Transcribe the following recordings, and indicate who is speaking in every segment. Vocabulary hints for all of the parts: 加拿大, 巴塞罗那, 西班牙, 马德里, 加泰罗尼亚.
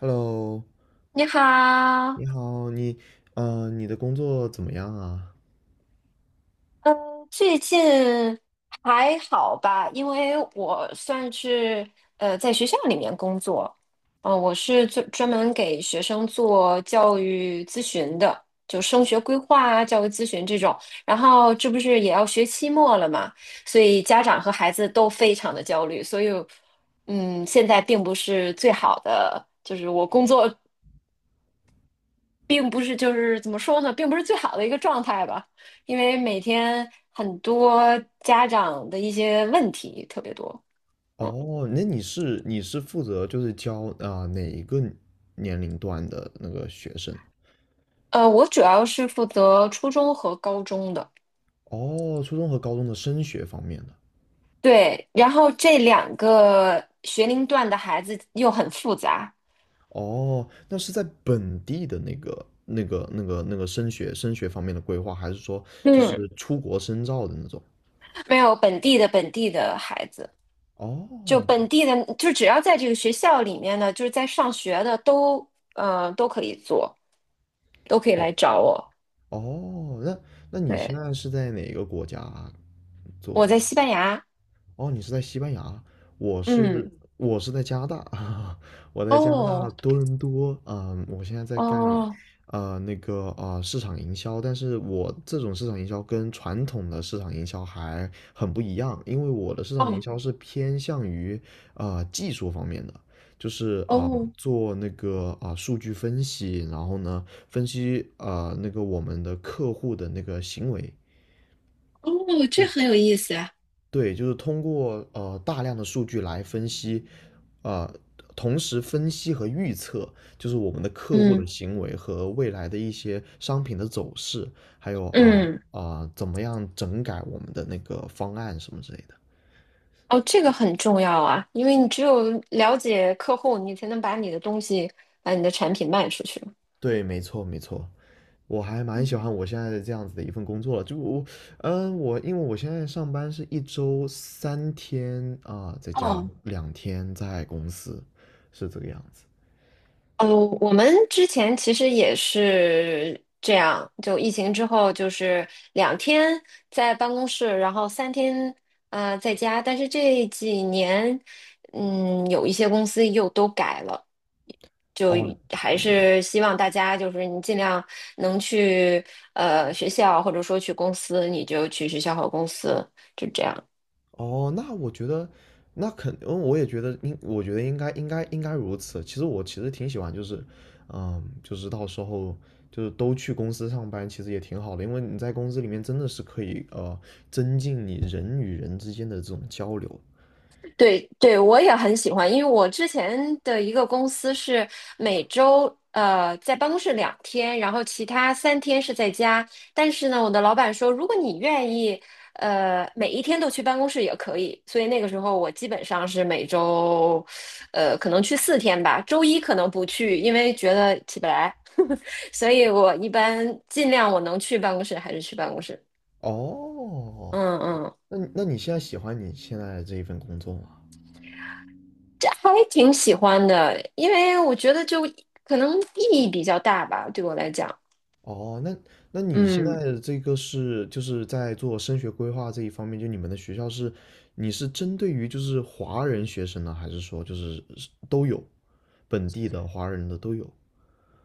Speaker 1: Hello,
Speaker 2: 你好，
Speaker 1: 你好，你的工作怎么样啊？
Speaker 2: 嗯，最近还好吧？因为我算是在学校里面工作，我是专门给学生做教育咨询的，就升学规划啊、教育咨询这种。然后这不是也要学期末了嘛，所以家长和孩子都非常的焦虑，所以现在并不是最好的，就是我工作并不是就是怎么说呢，并不是最好的一个状态吧，因为每天很多家长的一些问题特别多。嗯，
Speaker 1: 哦，那你是负责就是教啊、哪一个年龄段的那个学生啊？
Speaker 2: 我主要是负责初中和高中的，
Speaker 1: 哦，初中和高中的升学方面的。
Speaker 2: 对，然后这两个学龄段的孩子又很复杂。
Speaker 1: 哦，那是在本地的那个升学方面的规划，还是说就
Speaker 2: 嗯，
Speaker 1: 是出国深造的那种？
Speaker 2: 没有本地的孩子，就
Speaker 1: 哦，
Speaker 2: 本地的，就只要在这个学校里面呢，就是在上学的都，都可以做，都可以
Speaker 1: 哦，
Speaker 2: 来找我。
Speaker 1: 哦，那你现
Speaker 2: 对，
Speaker 1: 在是在哪个国家做啊？
Speaker 2: 我在西班牙，
Speaker 1: 哦，你是在西班牙，我是
Speaker 2: 嗯。
Speaker 1: 在加拿大 啊，我在加拿大
Speaker 2: 哦
Speaker 1: 多伦多。嗯，我现在在干，
Speaker 2: 哦
Speaker 1: 那个啊，市场营销。但是我这种市场营销跟传统的市场营销还很不一样，因为我的市场营
Speaker 2: 哦
Speaker 1: 销是偏向于啊技术方面的，就是啊、
Speaker 2: 哦
Speaker 1: 做那个啊、数据分析，然后呢分析啊那个我们的客户的那个行为。
Speaker 2: 哦，这很有意思呀。
Speaker 1: 对，就是通过呃大量的数据来分析，啊、同时分析和预测，就是我们的客户的
Speaker 2: 嗯
Speaker 1: 行为和未来的一些商品的走势，还有啊
Speaker 2: 嗯，
Speaker 1: 啊、怎么样整改我们的那个方案什么之类的。
Speaker 2: 哦，这个很重要啊，因为你只有了解客户，你才能把你的东西、把你的产品卖出去。
Speaker 1: 对，没错没错，我还蛮喜
Speaker 2: 嗯，
Speaker 1: 欢我现在这样子的一份工作了。就我，嗯，我因为我现在上班是一周3天啊、在家，
Speaker 2: 哦
Speaker 1: 2天在公司，是这个样子。
Speaker 2: 哦，我们之前其实也是这样，就疫情之后就是两天在办公室，然后三天啊在家，但是这几年，嗯，有一些公司又都改了。就
Speaker 1: 哦，
Speaker 2: 还是希望大家就是你尽量能去学校或者说去公司，你就去学校和公司，就这样。
Speaker 1: 哦，那我觉得，那肯，嗯，我也觉得应，我觉得应该，应该如此。其实我其实挺喜欢，就是，嗯，就是到时候就是都去公司上班，其实也挺好的，因为你在公司里面真的是可以，增进你人与人之间的这种交流。
Speaker 2: 对对，我也很喜欢，因为我之前的一个公司是每周在办公室两天，然后其他三天是在家。但是呢，我的老板说，如果你愿意，每一天都去办公室也可以。所以那个时候我基本上是每周，可能去4天吧，周一可能不去，因为觉得起不来。所以我一般尽量我能去办公室还是去办公室。
Speaker 1: 哦，
Speaker 2: 嗯嗯，
Speaker 1: 那你现在喜欢你现在的这一份工作吗？
Speaker 2: 这还挺喜欢的，因为我觉得就可能意义比较大吧，对我来讲。
Speaker 1: 哦，那你现
Speaker 2: 嗯
Speaker 1: 在的这个是就是在做升学规划这一方面，就你们的学校是你是针对于就是华人学生呢，还是说就是都有本地的华人的都有？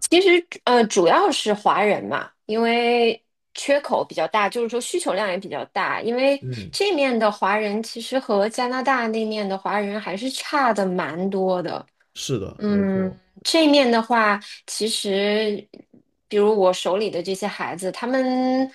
Speaker 2: 其实，主要是华人嘛，因为缺口比较大，就是说需求量也比较大。因为
Speaker 1: 嗯，
Speaker 2: 这面的华人其实和加拿大那面的华人还是差的蛮多的。
Speaker 1: 是的，没
Speaker 2: 嗯，
Speaker 1: 错。
Speaker 2: 这面的话，其实比如我手里的这些孩子，他们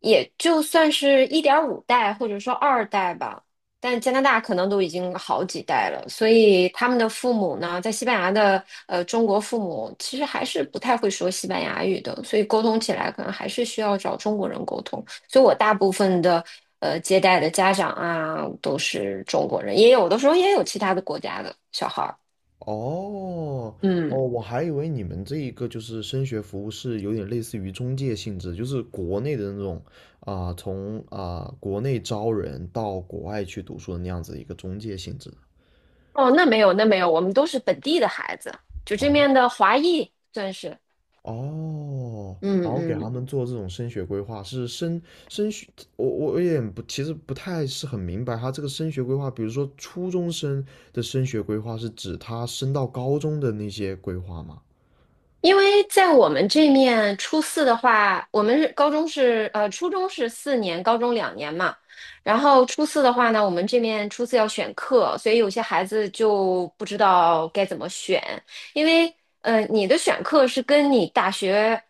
Speaker 2: 也就算是1.5代或者说二代吧，但加拿大可能都已经好几代了，所以他们的父母呢，在西班牙的中国父母其实还是不太会说西班牙语的，所以沟通起来可能还是需要找中国人沟通。所以我大部分的接待的家长啊都是中国人，也有的时候也有其他的国家的小孩儿。
Speaker 1: 哦哦，
Speaker 2: 嗯，
Speaker 1: 我还以为你们这一个就是升学服务是有点类似于中介性质，就是国内的那种啊、从啊、国内招人到国外去读书的那样子一个中介性质。
Speaker 2: 哦，那没有，那没有，我们都是本地的孩子，就这
Speaker 1: 哦
Speaker 2: 面的华裔算是。
Speaker 1: 哦，然后给
Speaker 2: 嗯嗯。
Speaker 1: 他们做这种升学规划，是升升学，我有点不，其实不太是很明白他这个升学规划，比如说初中生的升学规划是指他升到高中的那些规划吗？
Speaker 2: 因为在我们这面，初四的话，我们是高中是初中是四年，高中两年嘛。然后初四的话呢，我们这面初四要选课，所以有些孩子就不知道该怎么选，因为你的选课是跟你大学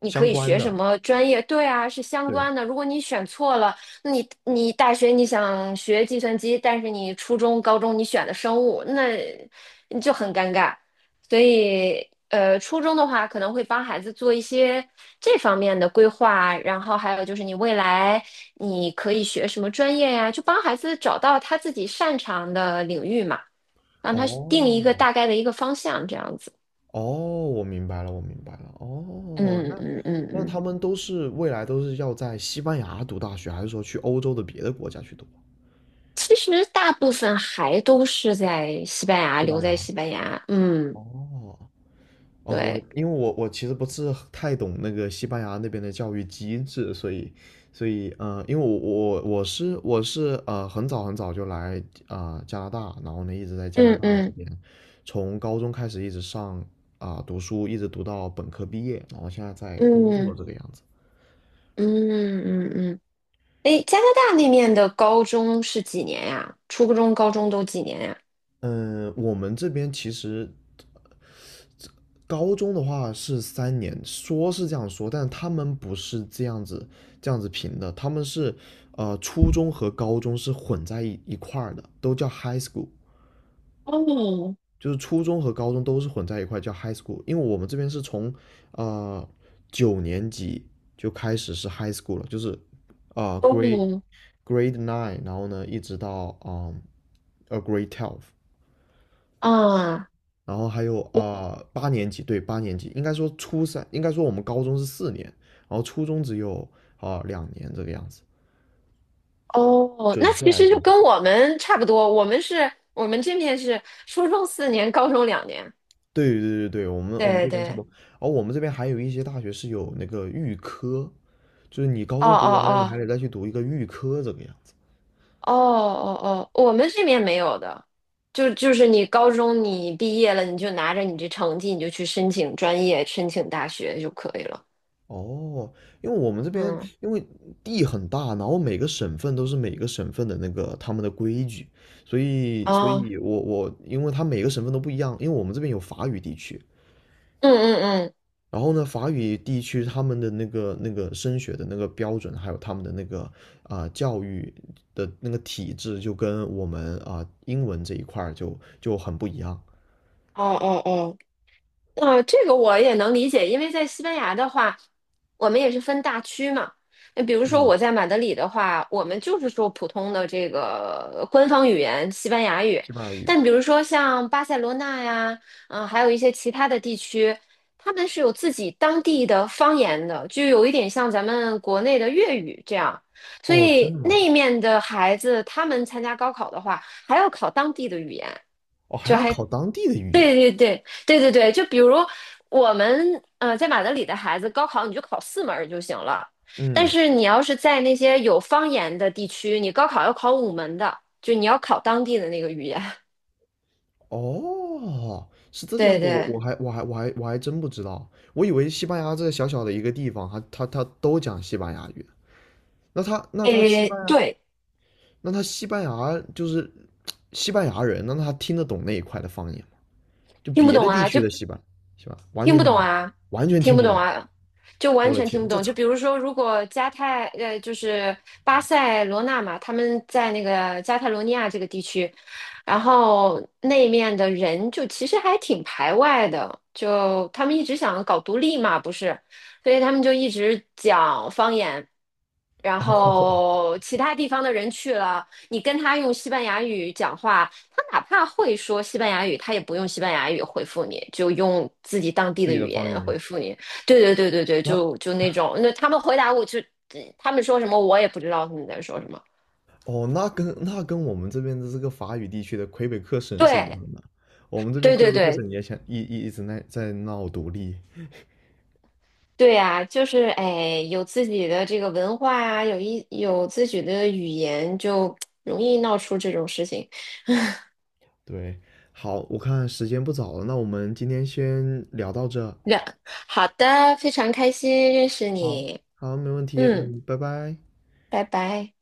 Speaker 2: 你可
Speaker 1: 相
Speaker 2: 以
Speaker 1: 关
Speaker 2: 学什
Speaker 1: 的，
Speaker 2: 么专业，对啊，是相
Speaker 1: 对，
Speaker 2: 关的。如果你选错了，那你大学你想学计算机，但是你初中、高中你选的生物，那你就很尴尬。所以，初中的话可能会帮孩子做一些这方面的规划，然后还有就是你未来你可以学什么专业呀，就帮孩子找到他自己擅长的领域嘛，让他定一个
Speaker 1: 哦
Speaker 2: 大概的一个方向，这样子。
Speaker 1: 哦，我明白了，哦，
Speaker 2: 嗯
Speaker 1: 那
Speaker 2: 嗯嗯
Speaker 1: 那
Speaker 2: 嗯，
Speaker 1: 他们都是未来都是要在西班牙读大学，还是说去欧洲的别的国家去读？
Speaker 2: 其实大部分还都是在西班牙，
Speaker 1: 西班
Speaker 2: 留
Speaker 1: 牙。
Speaker 2: 在西班牙。嗯，
Speaker 1: 哦，哦，我
Speaker 2: 对，
Speaker 1: 因为我其实不是太懂那个西班牙那边的教育机制，所以因为我是呃很早很早就来啊、呃加拿大，然后呢一直在加拿
Speaker 2: 嗯
Speaker 1: 大这
Speaker 2: 嗯
Speaker 1: 边，从高中开始一直上啊、读书，一直读到本科毕业，然后现在在工作
Speaker 2: 嗯
Speaker 1: 这个样子。
Speaker 2: 嗯嗯嗯嗯。诶，加拿大那面的高中是几年呀？初中、高中都几年呀？
Speaker 1: 嗯、我们这边其实高中的话是3年，说是这样说，但他们不是这样子评的，他们是呃初中和高中是混在一块儿的，都叫 high school,
Speaker 2: 哦
Speaker 1: 就是初中和高中都是混在一块叫 high school,因为我们这边是从呃9年级就开始是 high school 了，就是呃
Speaker 2: 哦
Speaker 1: grade nine,然后呢一直到嗯 a grade twelve,
Speaker 2: 啊
Speaker 1: 然后还有啊、呃八年级，对，八年级，应该说初三，应该说我们高中是4年，然后初中只有啊、呃2年这个样子，
Speaker 2: 哦，
Speaker 1: 准
Speaker 2: 那
Speaker 1: 确
Speaker 2: 其
Speaker 1: 来
Speaker 2: 实就
Speaker 1: 说是，
Speaker 2: 跟我们差不多。我们这面是初中四年，高中两年。
Speaker 1: 对，我们
Speaker 2: 对
Speaker 1: 这边差
Speaker 2: 对，
Speaker 1: 不多，而我们这边还有一些大学是有那个预科，就是你高
Speaker 2: 哦
Speaker 1: 中读完了，你
Speaker 2: 哦
Speaker 1: 还得再去读一个预科这个样子。
Speaker 2: 哦哦哦哦，我们这面没有的，就是你高中你毕业了，你就拿着你这成绩，你就去申请专业、申请大学就可以了。
Speaker 1: 哦，因为我们这边
Speaker 2: 嗯，
Speaker 1: 因为地很大，然后每个省份都是每个省份的那个他们的规矩，所以，所
Speaker 2: 哦，
Speaker 1: 以我因为它每个省份都不一样，因为我们这边有法语地区，
Speaker 2: 嗯嗯嗯，
Speaker 1: 然后呢，法语地区他们的那个升学的那个标准，还有他们的那个啊、呃教育的那个体制，就跟我们啊、英文这一块儿就很不一样。
Speaker 2: 哦哦哦。啊，这个我也能理解，因为在西班牙的话，我们也是分大区嘛。那比如说
Speaker 1: 嗯，
Speaker 2: 我在马德里的话，我们就是说普通的这个官方语言西班牙语。
Speaker 1: 西班牙语。
Speaker 2: 但比如说像巴塞罗那呀，还有一些其他的地区，他们是有自己当地的方言的，就有一点像咱们国内的粤语这样。所
Speaker 1: 哦，真
Speaker 2: 以
Speaker 1: 的吗？
Speaker 2: 那面的孩子，他们参加高考的话，还要考当地的语言。
Speaker 1: 哦，还
Speaker 2: 就
Speaker 1: 要
Speaker 2: 还
Speaker 1: 考当地的语言。
Speaker 2: 对对对对对对，就比如我们在马德里的孩子，高考你就考4门儿就行了，但
Speaker 1: 嗯，
Speaker 2: 是你要是在那些有方言的地区，你高考要考5门的，就你要考当地的那个语言。
Speaker 1: 哦，是这个样
Speaker 2: 对
Speaker 1: 子。我
Speaker 2: 对，
Speaker 1: 我还真不知道，我以为西班牙这小小的一个地方，他都讲西班牙语。那他
Speaker 2: 诶，对，
Speaker 1: 那他西班牙就是 西班牙人，那他听得懂那一块的方言吗？就
Speaker 2: 听不
Speaker 1: 别
Speaker 2: 懂
Speaker 1: 的地
Speaker 2: 啊，
Speaker 1: 区
Speaker 2: 就
Speaker 1: 的西班是吧？完
Speaker 2: 听
Speaker 1: 全
Speaker 2: 不
Speaker 1: 听
Speaker 2: 懂
Speaker 1: 不懂，
Speaker 2: 啊，
Speaker 1: 完全
Speaker 2: 听
Speaker 1: 听
Speaker 2: 不
Speaker 1: 不
Speaker 2: 懂
Speaker 1: 懂。
Speaker 2: 啊，就完
Speaker 1: 我的
Speaker 2: 全
Speaker 1: 天，
Speaker 2: 听不
Speaker 1: 这
Speaker 2: 懂。就
Speaker 1: 差
Speaker 2: 比如说，如果就是巴塞罗那嘛，他们在那个加泰罗尼亚这个地区，然后那面的人就其实还挺排外的，就他们一直想搞独立嘛，不是，所以他们就一直讲方言。然
Speaker 1: 哦，
Speaker 2: 后其他地方的人去了，你跟他用西班牙语讲话，他哪怕会说西班牙语，他也不用西班牙语回复你，就用自己当地
Speaker 1: 自
Speaker 2: 的
Speaker 1: 己的
Speaker 2: 语
Speaker 1: 方
Speaker 2: 言
Speaker 1: 言，
Speaker 2: 回复你。对对对对对，
Speaker 1: 那
Speaker 2: 就那种，那他们回答我就，他们说什么我也不知道他们在说什么。
Speaker 1: 哦，那跟我们这边的这个法语地区的魁北克省是一
Speaker 2: 对
Speaker 1: 样的。我们这边
Speaker 2: 对
Speaker 1: 魁
Speaker 2: 对
Speaker 1: 北克
Speaker 2: 对
Speaker 1: 省也想一直在闹独立。
Speaker 2: 对呀、就是哎，有自己的这个文化啊，有自己的语言，就容易闹出这种事情。
Speaker 1: 对，好，我看时间不早了，那我们今天先聊到这。
Speaker 2: 那好的，非常开心认识
Speaker 1: 好，
Speaker 2: 你，
Speaker 1: 好，没问题，
Speaker 2: 嗯，
Speaker 1: 嗯，拜拜。
Speaker 2: 拜拜。